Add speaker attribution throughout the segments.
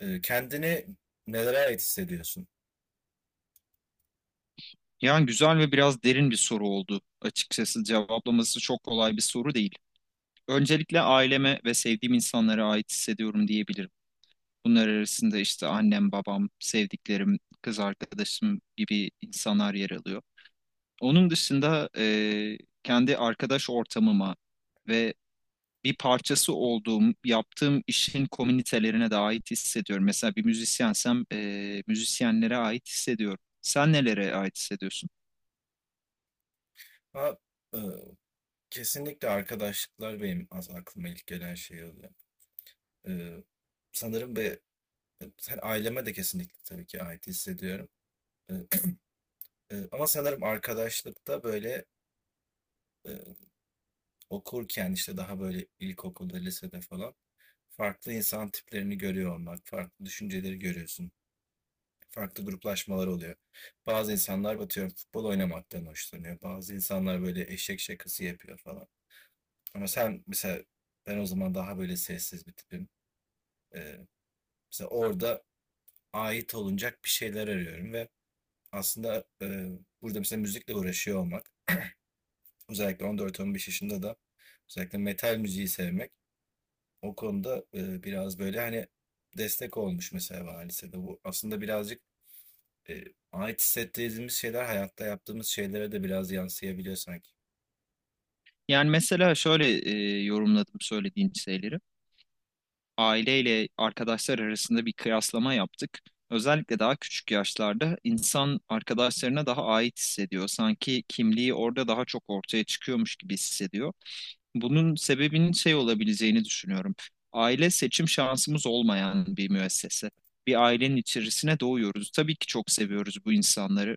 Speaker 1: Kendini nelere ait hissediyorsun?
Speaker 2: Yani güzel ve biraz derin bir soru oldu açıkçası. Cevaplaması çok kolay bir soru değil. Öncelikle aileme ve sevdiğim insanlara ait hissediyorum diyebilirim. Bunlar arasında işte annem, babam, sevdiklerim, kız arkadaşım gibi insanlar yer alıyor. Onun dışında kendi arkadaş ortamıma ve bir parçası olduğum, yaptığım işin komünitelerine de ait hissediyorum. Mesela bir müzisyensem müzisyenlere ait hissediyorum. Sen nelere ait hissediyorsun?
Speaker 1: Ama e, kesinlikle arkadaşlıklar benim az aklıma ilk gelen şey oluyor. E, Sanırım ve sen aileme de kesinlikle tabii ki ait hissediyorum. E, Ama sanırım arkadaşlıkta böyle e, okurken işte daha böyle ilkokulda, lisede falan farklı insan tiplerini görüyor olmak, farklı düşünceleri görüyorsun. Farklı gruplaşmalar oluyor. Bazı insanlar atıyorum futbol oynamaktan hoşlanıyor. Bazı insanlar böyle eşek şakası yapıyor falan. Ama sen mesela ben o zaman daha böyle sessiz bir tipim. Ee, Mesela orada ait olunacak bir şeyler arıyorum ve aslında burada mesela müzikle uğraşıyor olmak özellikle 14-15 yaşında da özellikle metal müziği sevmek o konuda biraz böyle hani destek olmuş mesela bana lisede. Bu aslında birazcık e, ait hissettiğimiz şeyler hayatta yaptığımız şeylere de biraz yansıyabiliyor sanki.
Speaker 2: Yani mesela şöyle yorumladım söylediğin şeyleri. Aileyle arkadaşlar arasında bir kıyaslama yaptık. Özellikle daha küçük yaşlarda insan arkadaşlarına daha ait hissediyor. Sanki kimliği orada daha çok ortaya çıkıyormuş gibi hissediyor. Bunun sebebinin şey olabileceğini düşünüyorum. Aile seçim şansımız olmayan bir müessese. Bir ailenin içerisine doğuyoruz. Tabii ki çok seviyoruz bu insanları.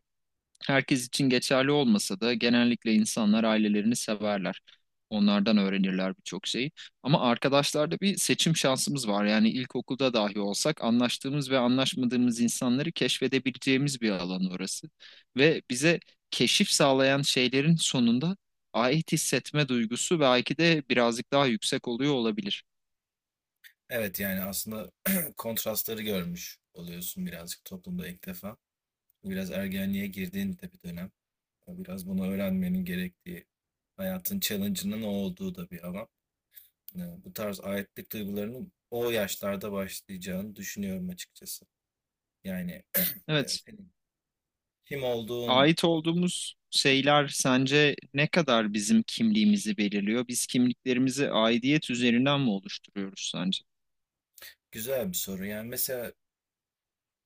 Speaker 2: Herkes için geçerli olmasa da genellikle insanlar ailelerini severler. Onlardan öğrenirler birçok şeyi. Ama arkadaşlarda bir seçim şansımız var. Yani ilkokulda dahi olsak anlaştığımız ve anlaşmadığımız insanları keşfedebileceğimiz bir alan orası. Ve bize keşif sağlayan şeylerin sonunda ait hissetme duygusu belki de birazcık daha yüksek oluyor olabilir.
Speaker 1: Evet yani aslında kontrastları görmüş oluyorsun birazcık toplumda ilk defa. Biraz ergenliğe girdiğin de bir dönem. Biraz bunu öğrenmenin gerektiği, hayatın challenge'ının o olduğu da bir alan. Yani bu tarz aitlik duygularının o yaşlarda başlayacağını düşünüyorum açıkçası. Yani
Speaker 2: Evet,
Speaker 1: senin kim olduğun
Speaker 2: ait olduğumuz şeyler sence ne kadar bizim kimliğimizi belirliyor? Biz kimliklerimizi aidiyet üzerinden mi oluşturuyoruz sence?
Speaker 1: güzel bir soru. Yani mesela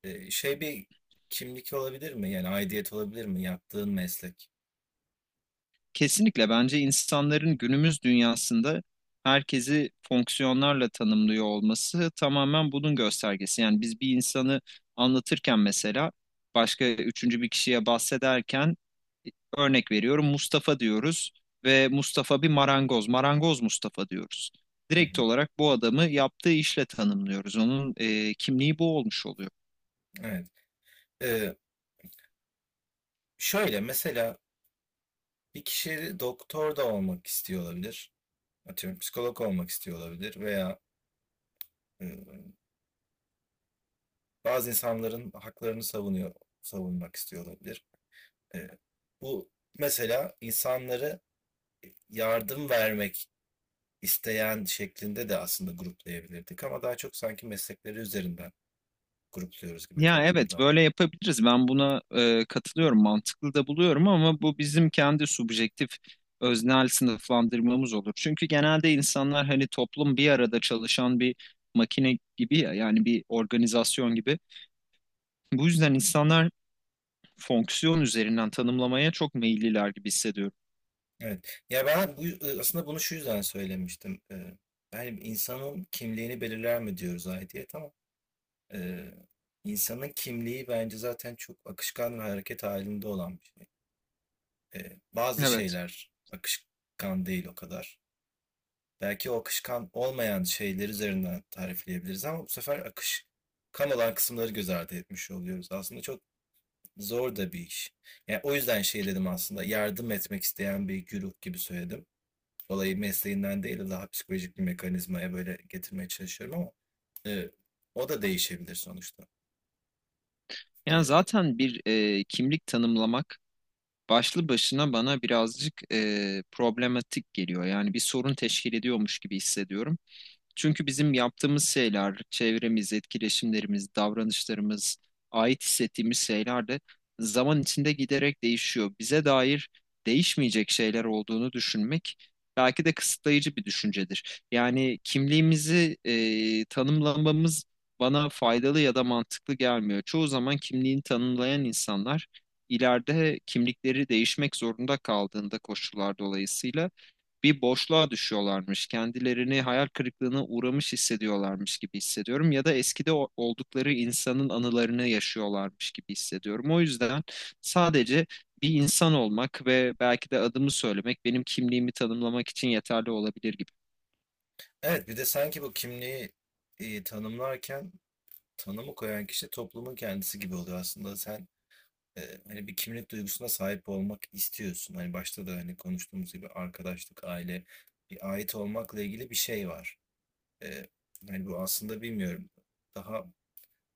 Speaker 1: Şey bir kimlik olabilir mi? Yani aidiyet olabilir mi yaptığın meslek?
Speaker 2: Kesinlikle bence insanların günümüz dünyasında herkesi fonksiyonlarla tanımlıyor olması tamamen bunun göstergesi. Yani biz bir insanı anlatırken mesela başka üçüncü bir kişiye bahsederken e, örnek veriyorum Mustafa diyoruz ve Mustafa bir marangoz, marangoz Mustafa diyoruz.
Speaker 1: Hı
Speaker 2: Direkt
Speaker 1: hı,
Speaker 2: olarak bu adamı yaptığı işle tanımlıyoruz. Onun kimliği bu olmuş oluyor.
Speaker 1: evet. Eee, Şöyle mesela bir kişi doktor da olmak istiyor olabilir. Atıyorum psikolog olmak istiyor olabilir veya, eee, bazı insanların haklarını savunmak istiyor olabilir. Eee, Bu mesela insanları yardım vermek isteyen şeklinde de aslında gruplayabilirdik ama daha çok sanki meslekleri üzerinden grupluyoruz gibi
Speaker 2: Ya evet
Speaker 1: toplumda.
Speaker 2: böyle yapabiliriz. Ben buna katılıyorum, mantıklı da buluyorum ama bu bizim kendi subjektif öznel sınıflandırmamız olur. Çünkü genelde insanlar hani toplum bir arada çalışan bir makine gibi ya yani bir organizasyon gibi. Bu yüzden insanlar fonksiyon üzerinden tanımlamaya çok meyilliler gibi hissediyorum.
Speaker 1: Evet. Ya ben bu, aslında bunu şu yüzden söylemiştim. Yani insanın kimliğini belirler mi diyoruz aidiyet ama e, insanın kimliği bence zaten çok akışkan ve hareket halinde olan bir şey. Bazı
Speaker 2: Evet.
Speaker 1: şeyler akışkan değil o kadar. Belki o akışkan olmayan şeyler üzerinden tarifleyebiliriz ama bu sefer akışkan olan kısımları göz ardı etmiş oluyoruz. Aslında çok zor da bir iş. Yani o yüzden şey dedim aslında yardım etmek isteyen bir güruh gibi söyledim. Olayı mesleğinden değil daha psikolojik bir mekanizmaya böyle getirmeye çalışıyorum ama e, o da değişebilir sonuçta.
Speaker 2: Yani
Speaker 1: E,
Speaker 2: zaten bir kimlik tanımlamak başlı başına bana birazcık problematik geliyor. Yani bir sorun teşkil ediyormuş gibi hissediyorum. Çünkü bizim yaptığımız şeyler, çevremiz, etkileşimlerimiz, davranışlarımız, ait hissettiğimiz şeyler de zaman içinde giderek değişiyor. Bize dair değişmeyecek şeyler olduğunu düşünmek belki de kısıtlayıcı bir düşüncedir. Yani kimliğimizi tanımlamamız bana faydalı ya da mantıklı gelmiyor. Çoğu zaman kimliğini tanımlayan insanlar ileride kimlikleri değişmek zorunda kaldığında koşullar dolayısıyla bir boşluğa düşüyorlarmış. Kendilerini hayal kırıklığına uğramış hissediyorlarmış gibi hissediyorum ya da eskide oldukları insanın anılarını yaşıyorlarmış gibi hissediyorum. O yüzden sadece bir insan olmak ve belki de adımı söylemek benim kimliğimi tanımlamak için yeterli olabilir gibi.
Speaker 1: evet bir de sanki bu kimliği tanımlarken tanımı koyan kişi toplumun kendisi gibi oluyor aslında. Sen e, hani bir kimlik duygusuna sahip olmak istiyorsun. Hani başta da hani konuştuğumuz gibi arkadaşlık, aile, bir ait olmakla ilgili bir şey var. E, Hani bu aslında bilmiyorum. Daha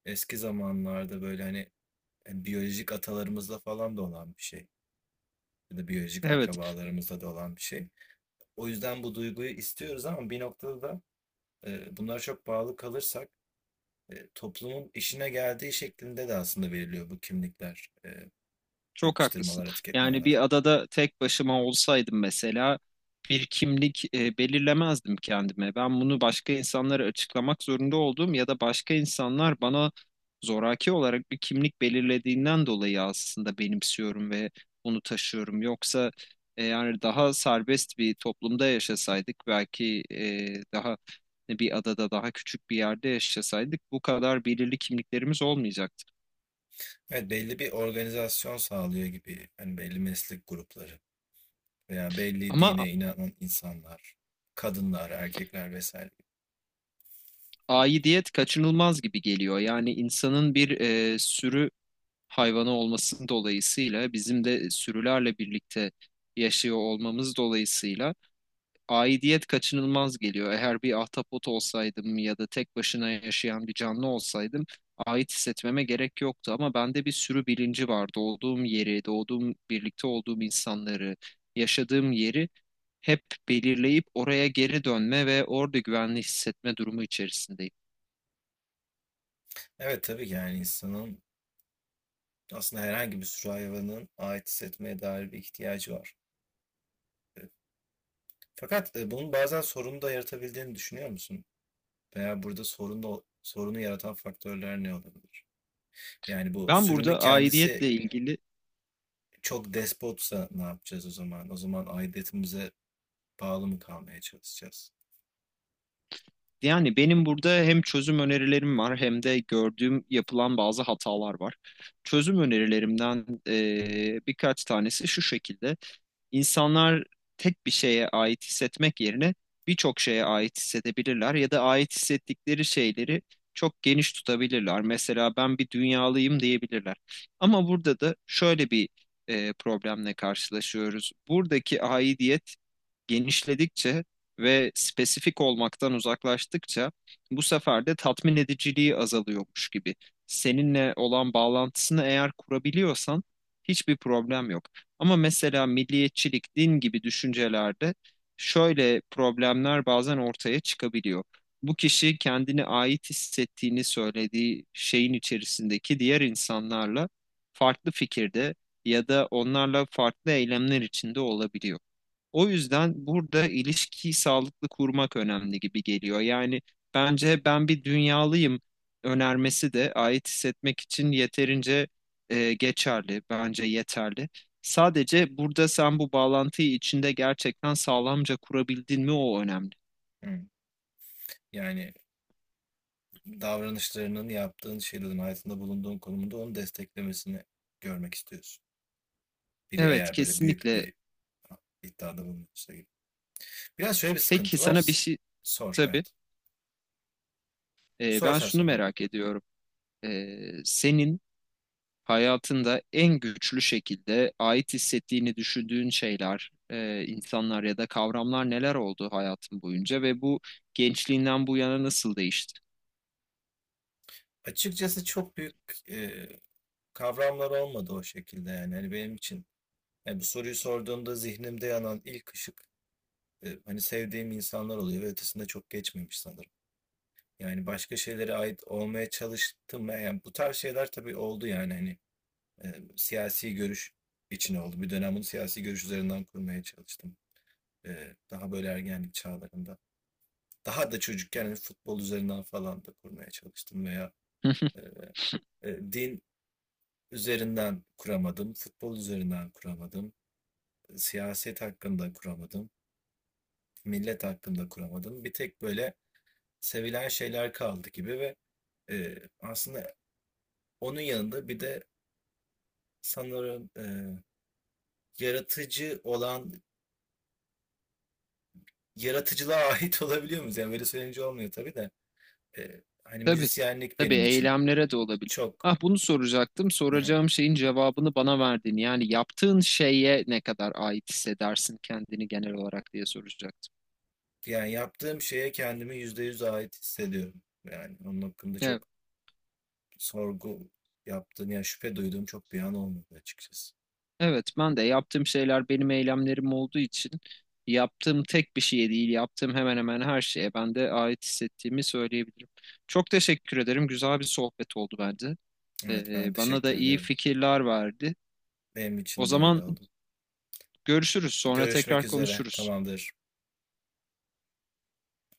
Speaker 1: eski zamanlarda böyle hani biyolojik atalarımızla falan da olan bir şey. Ya da biyolojik
Speaker 2: Evet.
Speaker 1: akrabalarımızda da olan bir şey. O yüzden bu duyguyu istiyoruz ama bir noktada da bunlara çok bağlı kalırsak toplumun işine geldiği şeklinde de aslında veriliyor bu kimlikler,
Speaker 2: Çok haklısın.
Speaker 1: yapıştırmalar,
Speaker 2: Yani
Speaker 1: etiketlemeler.
Speaker 2: bir adada tek başıma olsaydım mesela bir kimlik belirlemezdim kendime. Ben bunu başka insanlara açıklamak zorunda olduğum ya da başka insanlar bana zoraki olarak bir kimlik belirlediğinden dolayı aslında benimsiyorum ve bunu taşıyorum. Yoksa yani daha serbest bir toplumda yaşasaydık belki daha bir adada daha küçük bir yerde yaşasaydık bu kadar belirli kimliklerimiz olmayacaktı.
Speaker 1: Evet belli bir organizasyon sağlıyor gibi. Hani belli meslek grupları veya belli
Speaker 2: Ama
Speaker 1: dine inanan insanlar, kadınlar, erkekler vesaire.
Speaker 2: aidiyet kaçınılmaz gibi geliyor. Yani insanın bir sürü hayvanı olması dolayısıyla bizim de sürülerle birlikte yaşıyor olmamız dolayısıyla aidiyet kaçınılmaz geliyor. Eğer bir ahtapot olsaydım ya da tek başına yaşayan bir canlı olsaydım ait hissetmeme gerek yoktu ama bende bir sürü bilinci var. Doğduğum yeri, doğduğum birlikte olduğum insanları, yaşadığım yeri hep belirleyip oraya geri dönme ve orada güvenli hissetme durumu içerisindeyim.
Speaker 1: Evet tabii ki yani insanın aslında herhangi bir sürü hayvanın ait hissetmeye dair bir ihtiyacı var. Ee, Fakat bunun bazen sorunu da yaratabildiğini düşünüyor musun? Veya burada sorunu yaratan faktörler ne olabilir? Yani bu
Speaker 2: Ben
Speaker 1: sürünün
Speaker 2: burada
Speaker 1: kendisi
Speaker 2: aidiyetle ilgili
Speaker 1: çok despotsa ne yapacağız o zaman? O zaman aidiyetimize bağlı mı kalmaya çalışacağız?
Speaker 2: yani benim burada hem çözüm önerilerim var hem de gördüğüm yapılan bazı hatalar var. Çözüm önerilerimden birkaç tanesi şu şekilde. İnsanlar tek bir şeye ait hissetmek yerine birçok şeye ait hissedebilirler ya da ait hissettikleri şeyleri çok geniş tutabilirler. Mesela ben bir dünyalıyım diyebilirler. Ama burada da şöyle bir problemle karşılaşıyoruz. Buradaki aidiyet genişledikçe ve spesifik olmaktan uzaklaştıkça bu sefer de tatmin ediciliği azalıyormuş gibi. Seninle olan bağlantısını eğer kurabiliyorsan hiçbir problem yok. Ama mesela milliyetçilik, din gibi düşüncelerde şöyle problemler bazen ortaya çıkabiliyor. Bu kişi kendini ait hissettiğini söylediği şeyin içerisindeki diğer insanlarla farklı fikirde ya da onlarla farklı eylemler içinde olabiliyor. O yüzden burada ilişkiyi sağlıklı kurmak önemli gibi geliyor. Yani bence ben bir dünyalıyım önermesi de ait hissetmek için yeterince geçerli, bence yeterli. Sadece burada sen bu bağlantıyı içinde gerçekten sağlamca kurabildin mi o önemli.
Speaker 1: Hı. Yani davranışlarının, yaptığın şeylerin, hayatında bulunduğun konumunda onu desteklemesini görmek istiyorsun. Biri
Speaker 2: Evet,
Speaker 1: eğer böyle büyük
Speaker 2: kesinlikle.
Speaker 1: bir iddiada bulunuyorsa gibi. Biraz şöyle bir
Speaker 2: Peki
Speaker 1: sıkıntı var.
Speaker 2: sana bir şey
Speaker 1: Sor,
Speaker 2: tabii
Speaker 1: evet. Sor
Speaker 2: ben
Speaker 1: sen
Speaker 2: şunu
Speaker 1: sonra.
Speaker 2: merak ediyorum. Senin hayatında en güçlü şekilde ait hissettiğini düşündüğün şeyler, insanlar ya da kavramlar neler oldu hayatın boyunca ve bu gençliğinden bu yana nasıl değişti?
Speaker 1: Açıkçası çok büyük e, kavramlar olmadı o şekilde yani. Hani benim için yani bu soruyu sorduğumda zihnimde yanan ilk ışık hani sevdiğim insanlar oluyor ve ötesinde çok geçmemiş sanırım. Yani başka şeylere ait olmaya çalıştım. Yani bu tarz şeyler tabii oldu yani hani siyasi görüş için oldu. Bir dönem bunu siyasi görüş üzerinden kurmaya çalıştım. Daha böyle ergenlik çağlarında. Daha da çocukken hani futbol üzerinden falan da kurmaya çalıştım veya e, din üzerinden kuramadım, futbol üzerinden kuramadım. Siyaset hakkında kuramadım, millet hakkında kuramadım. Bir tek böyle sevilen şeyler kaldı gibi ve aslında onun yanında bir de sanırım yaratıcı olan yaratıcılığa ait olabiliyor muyuz? Yani böyle söyleyince olmuyor tabii de. Hani
Speaker 2: Tabii,
Speaker 1: müzisyenlik
Speaker 2: tabii
Speaker 1: benim için
Speaker 2: eylemlere de olabilir.
Speaker 1: çok
Speaker 2: Ah bunu soracaktım. Soracağım şeyin cevabını bana verdin. Yani yaptığın şeye ne kadar ait hissedersin kendini genel olarak diye soracaktım.
Speaker 1: yani yaptığım şeye kendimi %100 ait hissediyorum. Yani onun hakkında
Speaker 2: Evet.
Speaker 1: çok sorgu yaptığım ya şüphe duyduğum çok bir an olmadı açıkçası.
Speaker 2: Evet, ben de yaptığım şeyler benim eylemlerim olduğu için yaptığım tek bir şeye değil, yaptığım hemen hemen her şeye ben de ait hissettiğimi söyleyebilirim. Çok teşekkür ederim. Güzel bir sohbet oldu bence.
Speaker 1: Evet ben
Speaker 2: Bana da
Speaker 1: teşekkür
Speaker 2: iyi
Speaker 1: ederim.
Speaker 2: fikirler verdi.
Speaker 1: Benim
Speaker 2: O
Speaker 1: için de öyle
Speaker 2: zaman
Speaker 1: oldu.
Speaker 2: görüşürüz, sonra
Speaker 1: Görüşmek
Speaker 2: tekrar
Speaker 1: üzere.
Speaker 2: konuşuruz.
Speaker 1: Tamamdır.